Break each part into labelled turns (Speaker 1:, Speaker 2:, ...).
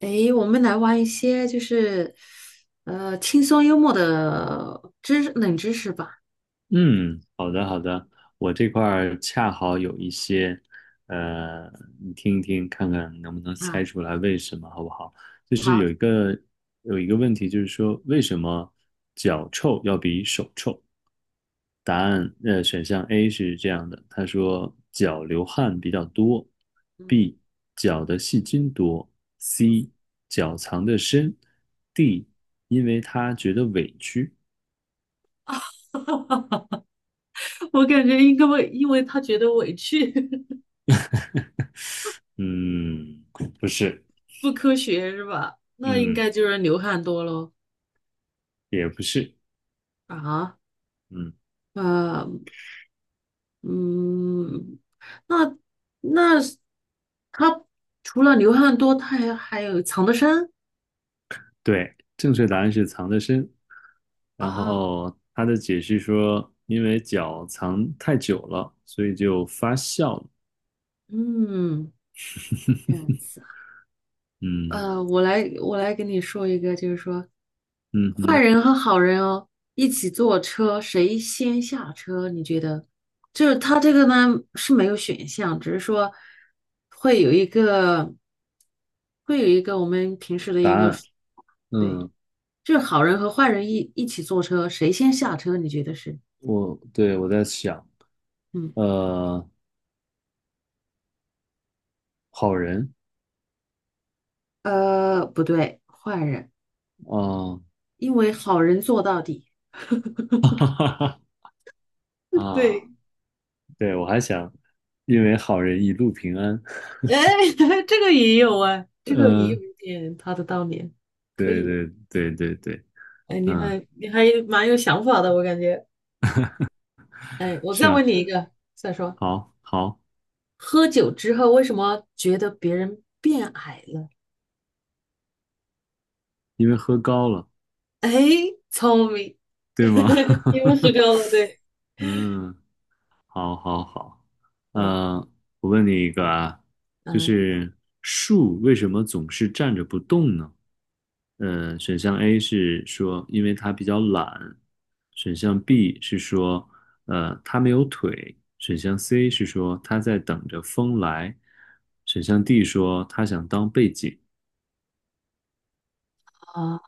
Speaker 1: 诶，我们来玩一些轻松幽默的冷知识吧。
Speaker 2: 嗯，好的好的，我这块儿恰好有一些，呃，你听一听，看看能不能猜
Speaker 1: 啊，
Speaker 2: 出来为什么，好不好？就是
Speaker 1: 好，
Speaker 2: 有一个问题，就是说为什么脚臭要比手臭？答案，选项 A 是这样的，他说脚流汗比较多
Speaker 1: 嗯，
Speaker 2: ，B 脚的细菌多，C 脚藏得深，D 因为他觉得委屈。
Speaker 1: 我感觉应该会，因为他觉得委屈，
Speaker 2: 嗯，不是，
Speaker 1: 不哭，那应
Speaker 2: 嗯。
Speaker 1: 该就是流汗多咯。
Speaker 2: 也不是，
Speaker 1: 啊，
Speaker 2: 嗯，
Speaker 1: 呃，嗯，那那他除了流汗多，他还有藏得深
Speaker 2: 对，正确答案是藏得深。然
Speaker 1: 啊，
Speaker 2: 后他的解释说，因为脚藏太久了，所以就发酵了。
Speaker 1: 嗯，这样子。
Speaker 2: 嗯
Speaker 1: 呃，我来跟你说一个，就是说，
Speaker 2: 嗯
Speaker 1: 坏
Speaker 2: 哼，
Speaker 1: 人和好人哦，一起坐车，谁先下车？你觉得？就是他这个呢是没有选项，只是说会有一个会有一个我们平时的
Speaker 2: 答
Speaker 1: 一个
Speaker 2: 案，
Speaker 1: 说对，
Speaker 2: 嗯，
Speaker 1: 就是好人和坏人一起坐车，谁先下车？你觉得是？
Speaker 2: 我在想，
Speaker 1: 嗯，
Speaker 2: 呃，好人，
Speaker 1: 呃，不对，坏人，
Speaker 2: 啊，
Speaker 1: 因为好人做到底。
Speaker 2: 哈哈哈 啊，
Speaker 1: 对。
Speaker 2: 对我还想，因为好人一路平安。
Speaker 1: 哎，这个也有啊，这个也有
Speaker 2: 嗯，
Speaker 1: 一点他的道理，可
Speaker 2: 对
Speaker 1: 以。
Speaker 2: 对对对对，
Speaker 1: 哎，你
Speaker 2: 嗯，
Speaker 1: 还你还蛮有想法的，我感觉。哎，我再
Speaker 2: 是啊，
Speaker 1: 问你一个，再说，
Speaker 2: 好好，
Speaker 1: 喝酒之后为什么觉得别人变矮了？
Speaker 2: 因为喝高了，
Speaker 1: 哎，聪明，
Speaker 2: 对吗？
Speaker 1: 因为喝 高了，对，
Speaker 2: 嗯，好，好，好。
Speaker 1: 嗯
Speaker 2: 呃，我问你一个啊，就
Speaker 1: 嗯
Speaker 2: 是树为什么总是站着不动呢？选项 A 是说因为它比较懒，选项
Speaker 1: 嗯
Speaker 2: B 是说它没有腿，选项 C 是说它在等着风来，选项 D 说它想当背景。
Speaker 1: 啊，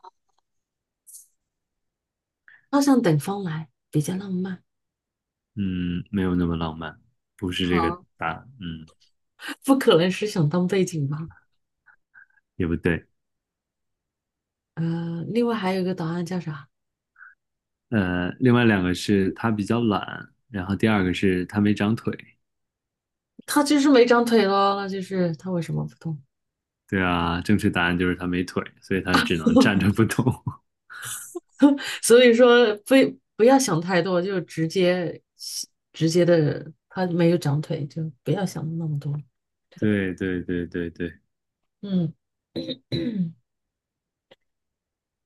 Speaker 1: 好想等风来，比较浪漫。
Speaker 2: 嗯，没有那么浪漫，不是这个
Speaker 1: 好，
Speaker 2: 答，案，嗯，
Speaker 1: 不可能是想当背景吧？
Speaker 2: 也不对。
Speaker 1: 呃，另外还有一个答案叫啥？
Speaker 2: 另外两个是他比较懒，然后第二个是他没长腿。
Speaker 1: 他就是没长腿咯，那就是他为什么不动？
Speaker 2: 对啊，正确答案就是他没腿，所以他只能 站着不动。
Speaker 1: 所以说非不要想太多，就直接的，他没有长腿，就不要想那么多，对吧？
Speaker 2: 对对对对对，
Speaker 1: 嗯，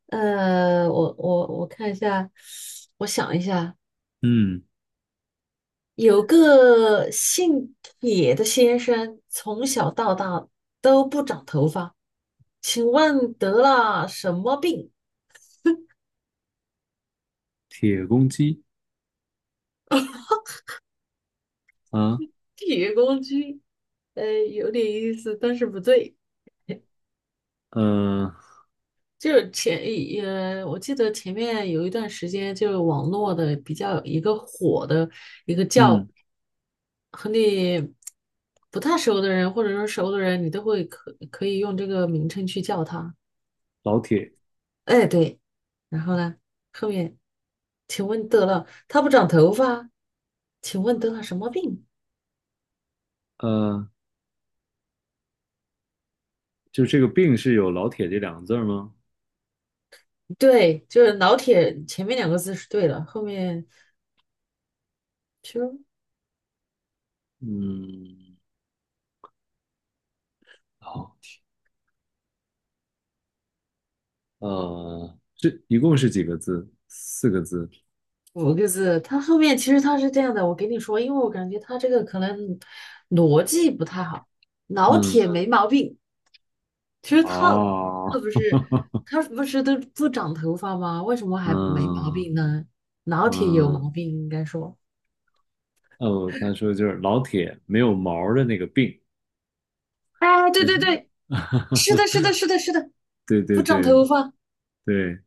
Speaker 1: 呃，我看一下，我想一下，
Speaker 2: 嗯，
Speaker 1: 有个姓铁的先生，从小到大都不长头发，请问得了什么病？
Speaker 2: 铁公鸡啊，
Speaker 1: 铁公鸡，呃，有点意思，但是不对。
Speaker 2: 呃，
Speaker 1: 就是前也，呃我记得前面有一段时间，就是网络的比较一个火的一个叫
Speaker 2: 嗯，
Speaker 1: 和你不太熟的人，或者说熟的人，你都会可以用这个名称去叫他。
Speaker 2: 老铁，
Speaker 1: 哎，对，然后呢，后面，请问得了，他不长头发，请问得了什么病？
Speaker 2: 呃，就这个病是有老铁这两个字儿吗？
Speaker 1: 对，就是老铁前面两个字是对的，后面。
Speaker 2: 嗯，好，这一共是几个字？四个字。
Speaker 1: 五个字，他后面其实他是这样的，我给你说，因为我感觉他这个可能逻辑不太好。老
Speaker 2: 嗯，
Speaker 1: 铁没毛病，其实
Speaker 2: 哦，
Speaker 1: 他不是 他不是都不长头发吗？为什么还没毛
Speaker 2: 嗯
Speaker 1: 病呢？老铁有
Speaker 2: 嗯。
Speaker 1: 毛病，应该说
Speaker 2: 哦，他说就是老铁没有毛儿的那个病，
Speaker 1: 哎，对
Speaker 2: 但
Speaker 1: 对
Speaker 2: 是，
Speaker 1: 对，是的，是的，是的，是的，
Speaker 2: 对
Speaker 1: 不
Speaker 2: 对
Speaker 1: 长
Speaker 2: 对
Speaker 1: 头发
Speaker 2: 对，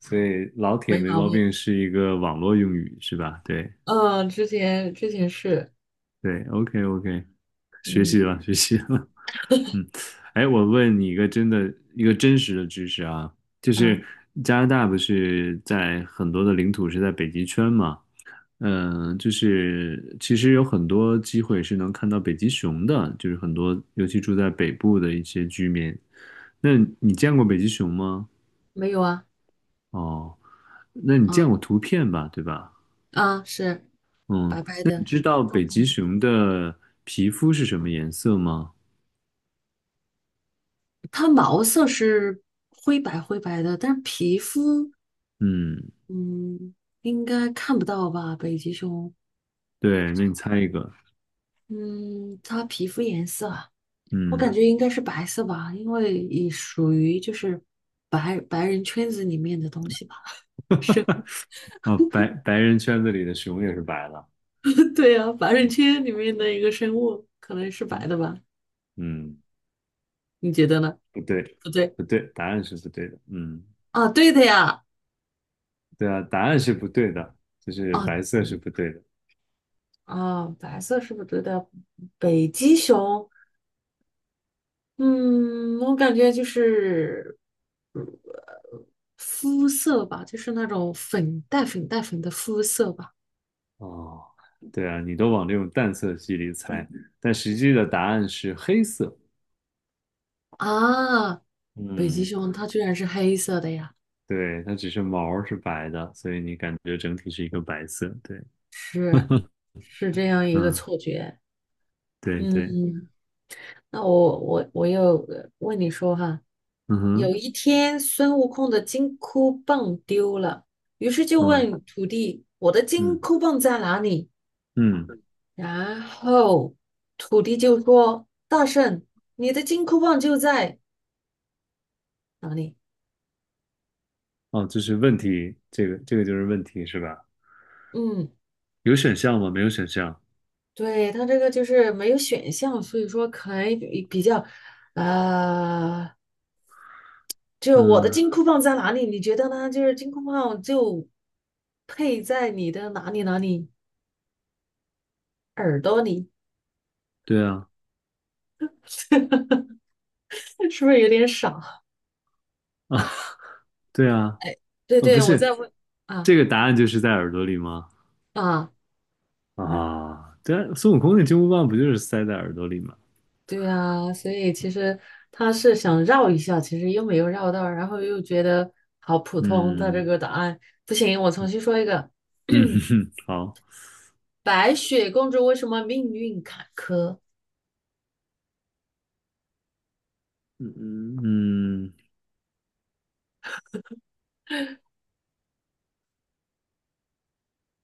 Speaker 2: 所以老铁
Speaker 1: 没
Speaker 2: 没
Speaker 1: 毛
Speaker 2: 毛
Speaker 1: 病。
Speaker 2: 病是一个网络用语是吧？对
Speaker 1: 嗯，之前是，
Speaker 2: 对，OK OK，学习
Speaker 1: 嗯
Speaker 2: 了学习了，嗯，哎，我问你一个真的真实的知识啊，就是
Speaker 1: 嗯，
Speaker 2: 加拿大不是在很多的领土是在北极圈嘛？嗯，就是其实有很多机会是能看到北极熊的，就是很多尤其住在北部的一些居民。那你见过北极熊吗？
Speaker 1: 没有啊，
Speaker 2: 哦，那你见
Speaker 1: 啊
Speaker 2: 过图片吧，对吧？
Speaker 1: 啊是
Speaker 2: 嗯，
Speaker 1: 白白
Speaker 2: 那你
Speaker 1: 的。
Speaker 2: 知道
Speaker 1: 重
Speaker 2: 北极熊的皮肤是什么颜色吗？
Speaker 1: 它毛色是灰白灰白的，但是皮肤，
Speaker 2: 嗯，
Speaker 1: 嗯，应该看不到吧？北极熊，
Speaker 2: 对，那你猜一个，
Speaker 1: 嗯，它皮肤颜色啊，我感
Speaker 2: 嗯。
Speaker 1: 觉应该是白色吧，因为也属于就是白白人圈子里面的东西吧。是，
Speaker 2: 啊，白白人圈子里的熊也是白的，
Speaker 1: 对啊，白人圈里面的一个生物，可能是白
Speaker 2: 嗯
Speaker 1: 的吧？
Speaker 2: 嗯，
Speaker 1: 你觉得呢？
Speaker 2: 不对，
Speaker 1: 不对
Speaker 2: 不对，答案是不对的，嗯，
Speaker 1: 啊，对的呀，
Speaker 2: 对啊，答案是不对的，就是
Speaker 1: 啊
Speaker 2: 白色是不对的，
Speaker 1: 白色是不是对的，北极熊。嗯，我感觉就是，呃肤色吧，就是那种粉带粉的肤色吧。
Speaker 2: 哦，对啊，你都往这种淡色系里猜，但实际的答案是黑色，
Speaker 1: 啊，北极
Speaker 2: 嗯，
Speaker 1: 熊它居然是黑色的呀，
Speaker 2: 对，它只是毛儿是白的，所以你感觉整体是一个白色，对，
Speaker 1: 是 是这样一个
Speaker 2: 嗯，
Speaker 1: 错觉。
Speaker 2: 对对，
Speaker 1: 嗯，那我又呃问你说哈，
Speaker 2: 嗯
Speaker 1: 有
Speaker 2: 哼，
Speaker 1: 一天孙悟空的金箍棒丢了，于是就
Speaker 2: 嗯
Speaker 1: 问徒弟："我的金
Speaker 2: 嗯
Speaker 1: 箍棒在哪里？"
Speaker 2: 嗯，
Speaker 1: 然后土地就说："大圣，你的金箍棒就在哪里？"
Speaker 2: 哦，这是问题，这个就是问题是吧？
Speaker 1: 嗯，
Speaker 2: 有选项吗？没有选项。
Speaker 1: 对，他这个就是没有选项，所以说可能比较，呃，就是我的
Speaker 2: 嗯，
Speaker 1: 金箍棒在哪里？你觉得呢？就是金箍棒就配在你的哪里耳朵里，
Speaker 2: 对啊，
Speaker 1: 是不是有点傻？
Speaker 2: 啊，对啊，
Speaker 1: 对
Speaker 2: 啊，不
Speaker 1: 对，我在
Speaker 2: 是，
Speaker 1: 问啊
Speaker 2: 这个答案就是在耳朵里吗？
Speaker 1: 啊。
Speaker 2: 啊，对啊孙悟空的金箍棒不就是塞在耳朵里吗？
Speaker 1: 对啊，所以其实他是想绕一下，其实又没有绕到，然后又觉得好普通的这
Speaker 2: 嗯
Speaker 1: 个答案，不行，我重新说一个。
Speaker 2: 嗯，好，
Speaker 1: 白雪公主为什么命运坎坷？
Speaker 2: 嗯嗯，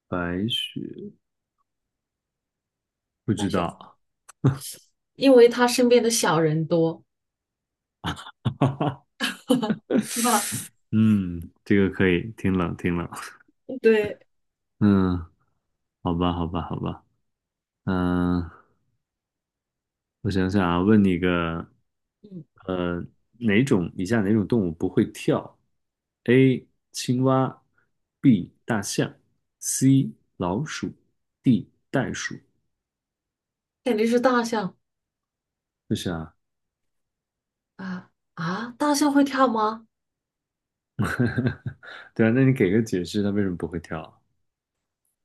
Speaker 2: 白雪不
Speaker 1: 白
Speaker 2: 知
Speaker 1: 雪，
Speaker 2: 道，
Speaker 1: 因为她身边的小人多。是吧？
Speaker 2: 嗯，这个可以，挺冷挺冷，
Speaker 1: 对，
Speaker 2: 嗯，好吧好吧好吧，嗯。我想想啊，问你个，
Speaker 1: 嗯，
Speaker 2: 呃，哪种以下哪种动物不会跳？A. 青蛙，B. 大象，C. 老鼠，D. 袋鼠。
Speaker 1: 肯定是大象
Speaker 2: 就是啊，
Speaker 1: 啊啊！大象会跳吗？
Speaker 2: 对啊，那你给个解释，它为什么不会跳啊？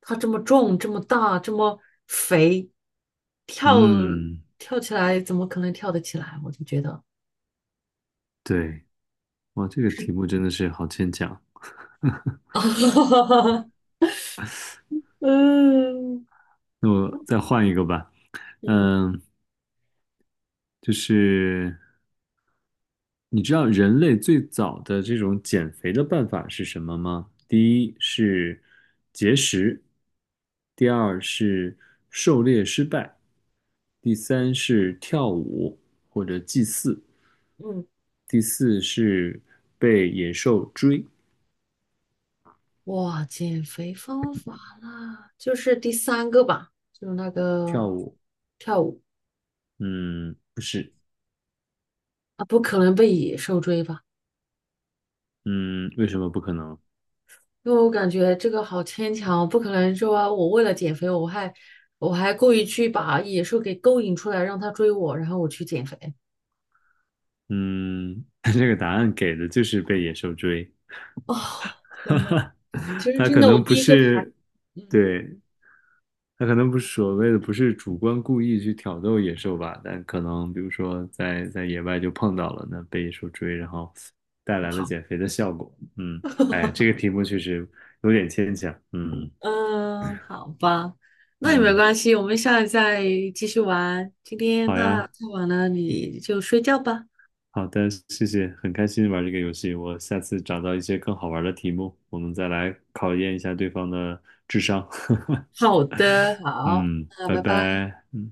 Speaker 1: 它这么重，这么大，这么肥，跳
Speaker 2: 嗯，
Speaker 1: 跳起来怎么可能跳得起来？我就觉得，
Speaker 2: 对，哇，这个题目真的是好牵强。
Speaker 1: 嗯
Speaker 2: 那我再换一个吧。
Speaker 1: 嗯
Speaker 2: 嗯，就是你知道人类最早的这种减肥的办法是什么吗？第一是节食，第二是狩猎失败，第三是跳舞或者祭祀，
Speaker 1: 嗯，
Speaker 2: 第四是被野兽追。
Speaker 1: 哇，减肥方法啦，就是第三个吧，就是那
Speaker 2: 跳
Speaker 1: 个
Speaker 2: 舞，
Speaker 1: 跳舞
Speaker 2: 嗯，不是，
Speaker 1: 啊，不可能被野兽追吧？
Speaker 2: 嗯，为什么不可能？
Speaker 1: 因为我感觉这个好牵强，不可能说我为了减肥，我还故意去把野兽给勾引出来，让它追我，然后我去减肥。
Speaker 2: 嗯，这个答案给的就是被野兽追，
Speaker 1: 哦，
Speaker 2: 哈
Speaker 1: 天呐，
Speaker 2: 哈，
Speaker 1: 其实
Speaker 2: 它
Speaker 1: 真
Speaker 2: 可
Speaker 1: 的，我
Speaker 2: 能
Speaker 1: 第
Speaker 2: 不
Speaker 1: 一个排，
Speaker 2: 是，
Speaker 1: 嗯。
Speaker 2: 对，他可能不是所谓的不是主观故意去挑逗野兽吧，但可能比如说在野外就碰到了，那被野兽追，然后带来了
Speaker 1: 跑。
Speaker 2: 减肥的效果。嗯，哎，这个题目确实有点牵强。嗯
Speaker 1: 嗯，好吧，那也没
Speaker 2: 嗯，
Speaker 1: 关系，我们下次再继续玩。今天
Speaker 2: 好
Speaker 1: 那太
Speaker 2: 呀，
Speaker 1: 晚了，你就睡觉吧。
Speaker 2: 好的，谢谢，很开心玩这个游戏。我下次找到一些更好玩的题目，我们再来考验一下对方的智商。
Speaker 1: 好的，好，
Speaker 2: 嗯，
Speaker 1: 那
Speaker 2: 拜
Speaker 1: 拜拜。
Speaker 2: 拜。